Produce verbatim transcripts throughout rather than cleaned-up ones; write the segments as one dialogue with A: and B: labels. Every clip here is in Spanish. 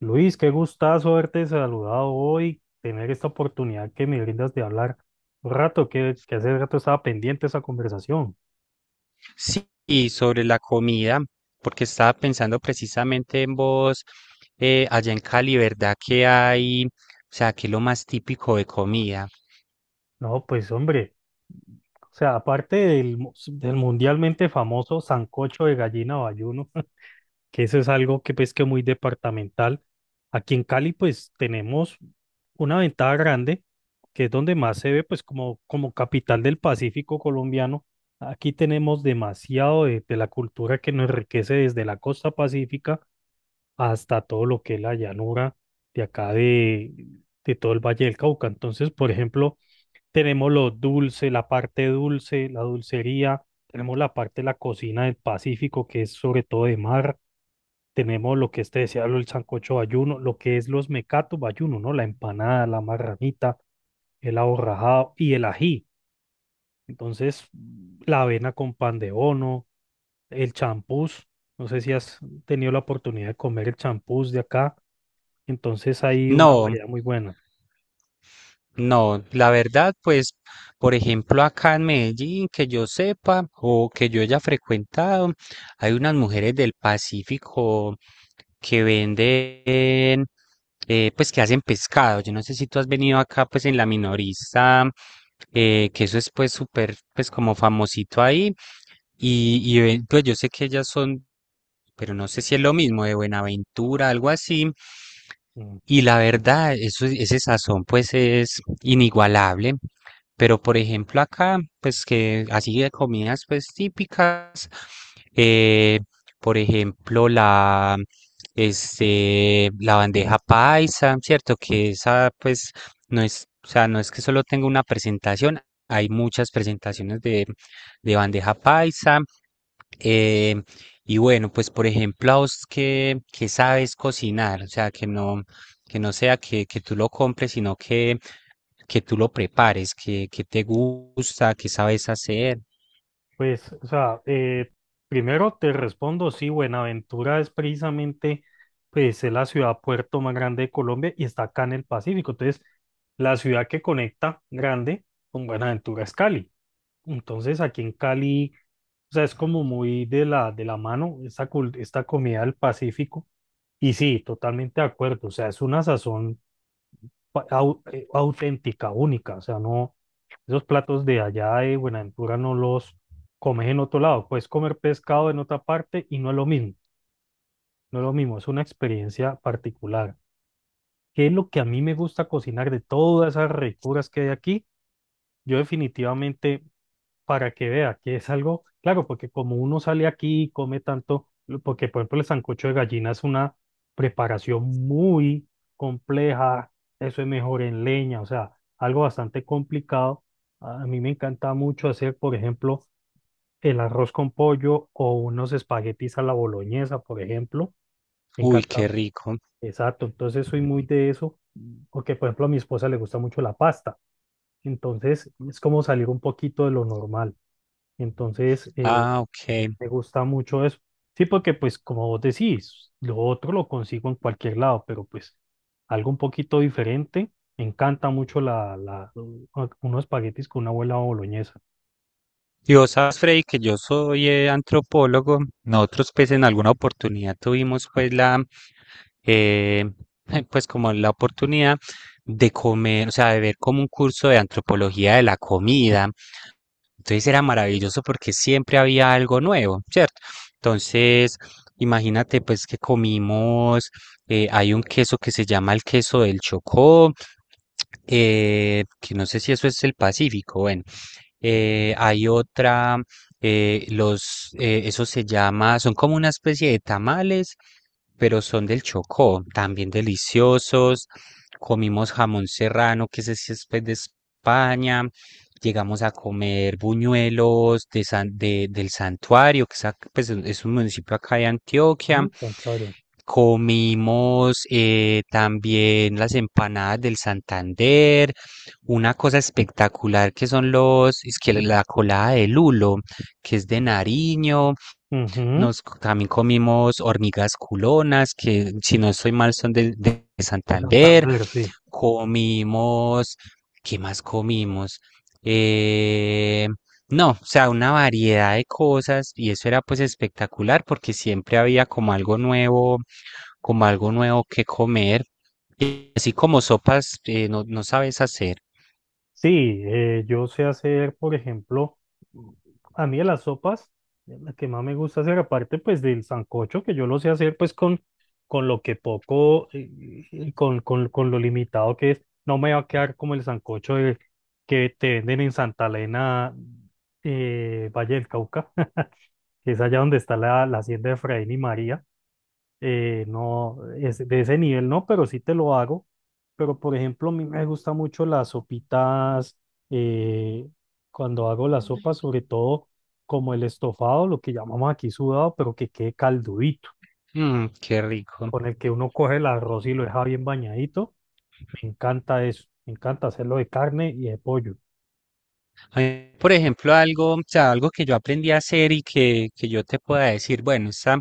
A: Luis, qué gustazo haberte saludado hoy, tener esta oportunidad que me brindas de hablar un rato, que, que hace rato estaba pendiente esa conversación.
B: Sí, y sobre la comida, porque estaba pensando precisamente en vos, eh, allá en Cali, ¿verdad que hay, o sea, qué es lo más típico de comida?
A: No, pues hombre, o sea, aparte del, mu- del mundialmente famoso sancocho de gallina o ayuno, que eso es algo que pues que muy departamental. Aquí en Cali pues tenemos una ventaja grande, que es donde más se ve pues como, como capital del Pacífico colombiano. Aquí tenemos demasiado de, de la cultura que nos enriquece desde la costa pacífica hasta todo lo que es la llanura de acá de, de todo el Valle del Cauca. Entonces, por ejemplo, tenemos lo dulce, la parte dulce, la dulcería, tenemos la parte de la cocina del Pacífico, que es sobre todo de mar. Tenemos lo que este decía, lo- el sancocho bayuno, lo que es los mecatos bayuno, ¿no? La empanada, la marranita, el aborrajado y el ají. Entonces, la avena con pan de bono, el champús. No sé si has tenido la oportunidad de comer el champús de acá. Entonces, hay una
B: No.
A: variedad muy buena.
B: No, la verdad, pues, por ejemplo, acá en Medellín, que yo sepa o que yo haya frecuentado, hay unas mujeres del Pacífico que venden, eh, pues, que hacen pescado. Yo no sé si tú has venido acá, pues, en la minorista, eh, que eso es, pues, súper, pues, como famosito ahí. Y, y ven- pues, yo sé que ellas son pero no sé si es lo mismo de Buenaventura, algo así.
A: Mm.
B: Y la verdad, eso, ese sazón pues es inigualable. Pero por ejemplo acá, pues que así de comidas pues típicas, eh, por ejemplo la, este, la bandeja paisa, ¿cierto? Que esa pues no es, o sea, no es que solo tenga una presentación, hay muchas presentaciones de, de bandeja paisa. eh, y bueno, pues por ejemplo a vos que, que sabes cocinar, o sea, que no que no sea que, que tú lo compres, sino que, que tú lo prepares, que, que te gusta, que sabes hacer.
A: Pues, o sea, eh, primero te respondo, sí, Buenaventura es precisamente, pues, es la ciudad puerto más grande de Colombia y está acá en el Pacífico. Entonces, la ciudad que conecta grande con Buenaventura es Cali. Entonces, aquí en Cali, o sea, es como muy de la, de la mano esta, cul- esta comida del Pacífico. Y sí, totalmente de acuerdo. O sea, es una sazón pa- au- eh, auténtica, única. O sea, no, esos platos de allá de Buenaventura no los comes en otro lado. Puedes comer pescado en otra parte y no es lo mismo. No es lo mismo, es una experiencia particular. ¿Qué es lo que a mí me gusta cocinar de todas esas ricuras que hay aquí? Yo definitivamente, para que vea que es algo, claro, porque como uno sale aquí y come tanto, lo- porque por ejemplo el sancocho de gallina es una preparación muy compleja, eso es mejor en leña, o sea, algo bastante complicado. A mí me encanta mucho hacer, por ejemplo, el arroz con pollo o unos espaguetis a la boloñesa, por ejemplo. Me
B: Uy,
A: encanta,
B: qué rico.
A: exacto, entonces soy muy de eso, porque por ejemplo a mi esposa le gusta mucho la pasta, entonces es como salir un poquito de lo normal. Entonces, eh,
B: Ah, ok.
A: me gusta mucho eso. Sí, porque pues como vos decís, lo otro lo consigo en cualquier lado, pero pues algo un poquito diferente. Me encanta mucho la, la, u- unos espaguetis con una abuela boloñesa.
B: Y vos sabes, Freddy, que yo soy eh, antropólogo. Nosotros, pues, en alguna oportunidad tuvimos, pues, la, eh, pues, como la oportunidad de comer, o sea, de ver como un curso de antropología de la comida. Entonces era maravilloso porque siempre había algo nuevo, ¿cierto? Entonces, imagínate pues que comimos, eh, hay un queso que se llama el queso del Chocó, eh, que no sé si eso es el Pacífico, bueno, eh, hay otra, eh, los, eh, eso se llama, son como una especie de tamales, pero son del Chocó, también deliciosos. Comimos jamón serrano, que ese sí es pues, de España. Llegamos a comer buñuelos de San- de- del Santuario, que es, ac- pues, es un municipio acá de Antioquia.
A: Ujú, Santander.
B: Comimos eh, también las empanadas del Santander. Una cosa espectacular que son los, es que la colada de lulo, que es de Nariño,
A: Ujú,
B: nos co- también comimos hormigas culonas, que si no estoy mal son de, de
A: de
B: Santander,
A: Santander, sí.
B: comimos, ¿qué más comimos? Eh, no, o sea, una variedad de cosas y eso era pues espectacular porque siempre había como algo nuevo, como algo nuevo que comer. Y así como sopas, eh, no, no sabes hacer.
A: Sí, eh, yo sé hacer, por ejemplo, a mí de las sopas, la que más me gusta hacer, aparte pues del sancocho, que yo lo sé hacer pues con, con lo que poco, eh, y con, con, con lo limitado que es, no me va a quedar como el sancocho de- que te venden en Santa Elena, eh, Valle del Cauca, que es allá donde está la, la hacienda de Efraín y María. Eh, no, es de ese nivel no, pero sí te lo hago. Pero por ejemplo, a mí me gusta mucho las sopitas, eh, cuando hago la sopa, sobre todo como el estofado, lo que llamamos aquí sudado, pero que quede caldudito,
B: Mm, qué rico.
A: con el que uno coge el arroz y lo deja bien bañadito. Me encanta eso, me encanta hacerlo de carne y de pollo.
B: A mí, por ejemplo, algo, o sea, algo que yo aprendí a hacer y que, que yo te pueda decir, bueno, esta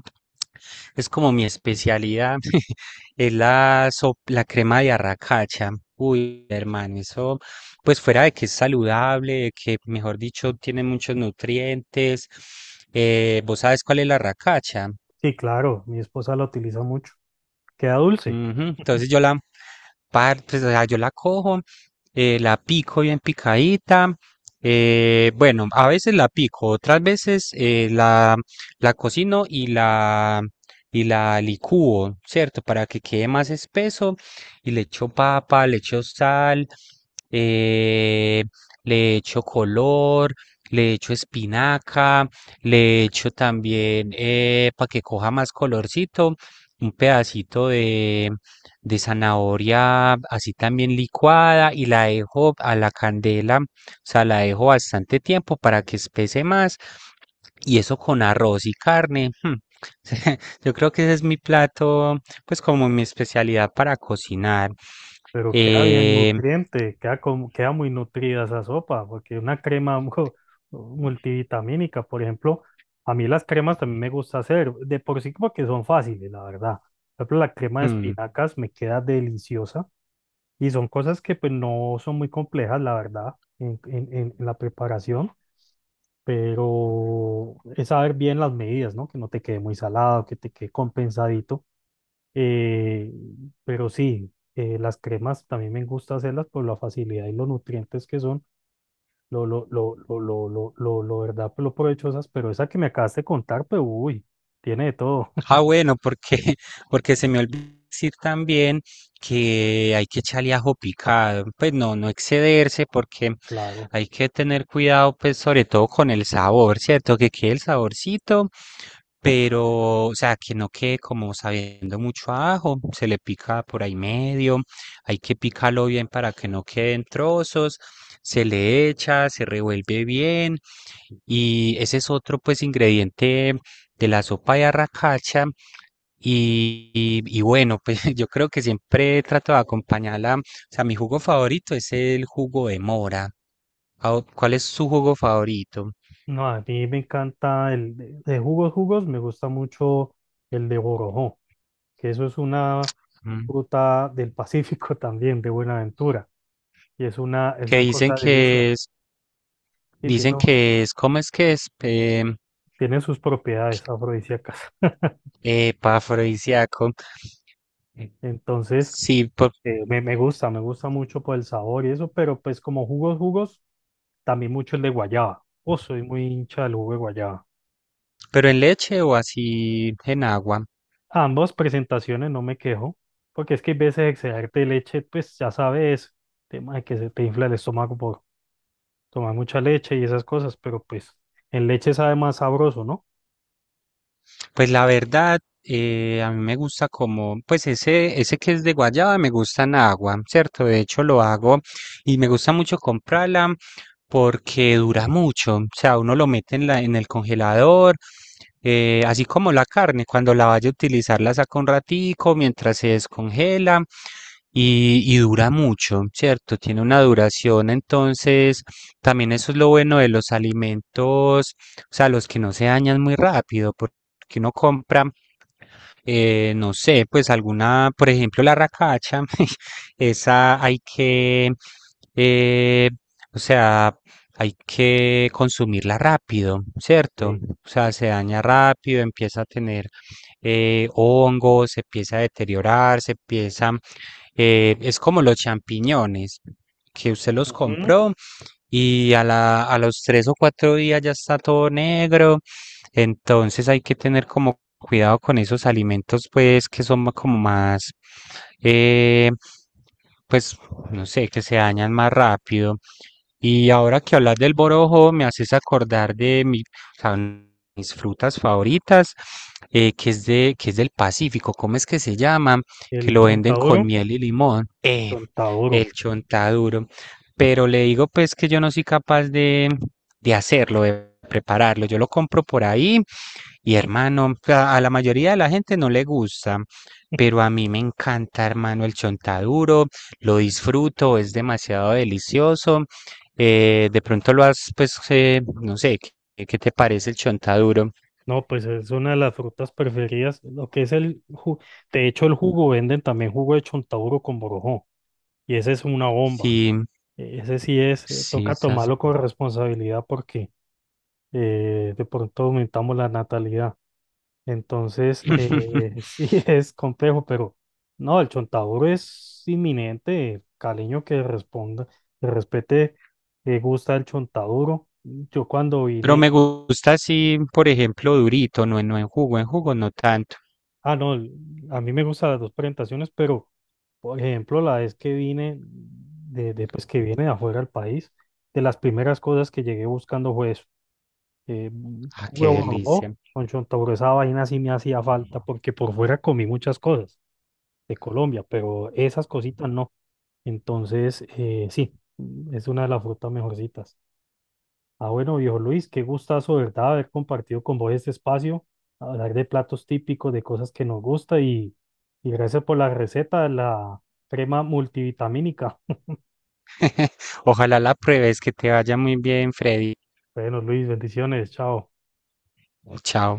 B: es como mi especialidad, es la, sop- la crema de arracacha. Uy, hermano, eso, pues fuera de que es saludable, de que, mejor dicho, tiene muchos nutrientes. Eh, ¿vos sabes cuál es la arracacha?
A: Sí, claro, mi esposa lo utiliza mucho. Queda dulce.
B: Ujú. Entonces yo la par- pues, o sea, yo la cojo, eh, la pico bien picadita. Eh, bueno, a veces la pico, otras veces eh, la, la cocino y la, y la licúo, ¿cierto? Para que quede más espeso y le echo papa, le echo sal, eh, le echo color, le echo espinaca, le echo también para que coja más colorcito un pedacito de, de zanahoria así también licuada y la dejo a la candela, o sea, la dejo bastante tiempo para que espese más y eso con arroz y carne. Hmm. Yo creo que ese es mi plato, pues como mi especialidad para cocinar.
A: Pero queda bien
B: Eh,
A: nutriente, queda, como, queda muy nutrida esa sopa, porque una crema mu- multivitamínica, por ejemplo, a mí las cremas también me gusta hacer, de por sí porque son fáciles, la verdad. Por ejemplo, la crema de
B: mm.
A: espinacas me queda deliciosa y son cosas que pues no son muy complejas, la verdad, en, en- en- en la preparación, pero es saber bien las medidas, ¿no? Que no te quede muy salado, que te quede compensadito. eh, pero sí, eh, las cremas también me gusta hacerlas por la facilidad y los nutrientes que son, lo, lo, lo, lo, lo, lo, lo, lo verdad, pues, lo provechosas, pero esa que me acabas de contar, pues uy, tiene de todo,
B: Ah, bueno, porque, porque se me olvidó decir también que hay que echarle ajo picado. Pues no, no excederse porque
A: claro.
B: hay que tener cuidado, pues sobre todo con el sabor, ¿cierto? Que quede el saborcito, pero, o sea, que no quede como sabiendo mucho a ajo. Se le pica por ahí medio, hay que picarlo bien para que no queden trozos. Se le echa, se revuelve bien. Y ese es otro, pues, ingrediente de la sopa de arracacha. Y, y y bueno, pues yo creo que siempre trato de acompañarla. O sea, mi jugo favorito es el jugo de mora. Ah, o- ¿Cuál es su jugo favorito?
A: No, a mí me encanta el de, de jugos, jugos, me gusta mucho el de borojó, que eso es una
B: Mm.
A: fruta del Pacífico también, de Buenaventura, y es una, es
B: Que
A: una
B: dicen
A: cosa delicia.
B: que
A: Mm.
B: es,
A: Y tiene,
B: dicen que es, ¿cómo es que es? Em.
A: tiene sus propiedades afrodisíacas.
B: Epafrodisíaco.
A: Entonces,
B: Sí, por-
A: Eh, me, me gusta, me gusta mucho por el sabor y eso, pero pues como jugos, jugos, también mucho el de guayaba. Oh, soy muy hincha del jugo de guayaba.
B: pero ¿en leche o así en agua?
A: Ambas presentaciones no me quejo, porque es que hay veces excederte de leche, pues ya sabes, tema de que se te infla el estómago por tomar mucha leche y esas cosas, pero pues en leche sabe más sabroso, ¿no?
B: Pues la verdad, eh, a mí me gusta como, pues ese, ese que es de guayaba me gusta en agua, ¿cierto? De hecho lo hago y me gusta mucho comprarla porque dura mucho. O sea, uno lo mete en la, en el congelador, eh, así como la carne, cuando la vaya a utilizar la saca un ratico mientras se descongela y, y dura mucho, ¿cierto? Tiene una duración, entonces también eso es lo bueno de los alimentos, o sea, los que no se dañan muy rápido, porque uno compra, eh, no sé, pues alguna, por ejemplo, la racacha, esa hay que, eh, o sea, hay que consumirla rápido, ¿cierto?
A: Sí.
B: O sea, se daña rápido, empieza a tener eh, hongos, se empieza a deteriorar, se empieza, eh, es como los champiñones, que usted los
A: Ujú.
B: compró y a la, a los tres o cuatro días ya está todo negro. Entonces hay que tener como cuidado con esos alimentos, pues, que son ma- como más, eh, pues, no sé, que se dañan más rápido. Y ahora que hablas del borojo, me haces acordar de mi- o sea, un- mis frutas favoritas, eh, que es de, que es del Pacífico. ¿Cómo es que se llama? Que
A: El
B: lo venden con
A: chontaduro,
B: miel y limón. Eh,
A: chontaduro.
B: el chontaduro. Pero le digo pues que yo no soy capaz de, de hacerlo, de prepararlo. Yo lo compro por ahí y hermano, a, a la mayoría de la gente no le gusta. Pero a mí me encanta, hermano, el chontaduro, lo disfruto, es demasiado delicioso. Eh, de pronto lo has, pues, eh, no sé, ¿qué, qué te parece el chontaduro?
A: No, pues es una de las frutas preferidas, lo que es el jugo. De hecho, el jugo venden también jugo de chontaduro con borojó. Y ese es una bomba.
B: Sí,
A: E- Ese sí es, eh,
B: sí,
A: toca
B: esas-
A: tomarlo con responsabilidad porque eh, de pronto aumentamos la natalidad. Entonces, eh, sí es complejo, pero no, el chontaduro es inminente. Caleño que responda, que respete, que gusta el chontaduro. Yo cuando
B: pero me
A: vine,
B: gusta así, por ejemplo, durito, no en, no en jugo, en jugo no tanto.
A: ah, no, el- a mí me gustan las dos presentaciones, pero por ejemplo, la vez que vine, de, de, pues que viene de afuera del país, de las primeras cosas que llegué buscando fue eso. Eh,
B: Ah,
A: Jugo
B: qué
A: de borobó
B: delicia.
A: con chontaduro, esa vaina sí me hacía falta porque por fuera comí muchas cosas de Colombia, pero esas cositas no. Entonces, eh, sí, es una de las frutas mejorcitas. Ah, bueno, viejo Luis, qué gustazo, ¿verdad? Haber compartido con vos este espacio, hablar de platos típicos, de cosas que nos gusta, y, y gracias por la receta de la crema multivitamínica.
B: Ojalá la pruebes, que te vaya muy bien, Freddy.
A: Bueno, Luis, bendiciones, chao.
B: Chao.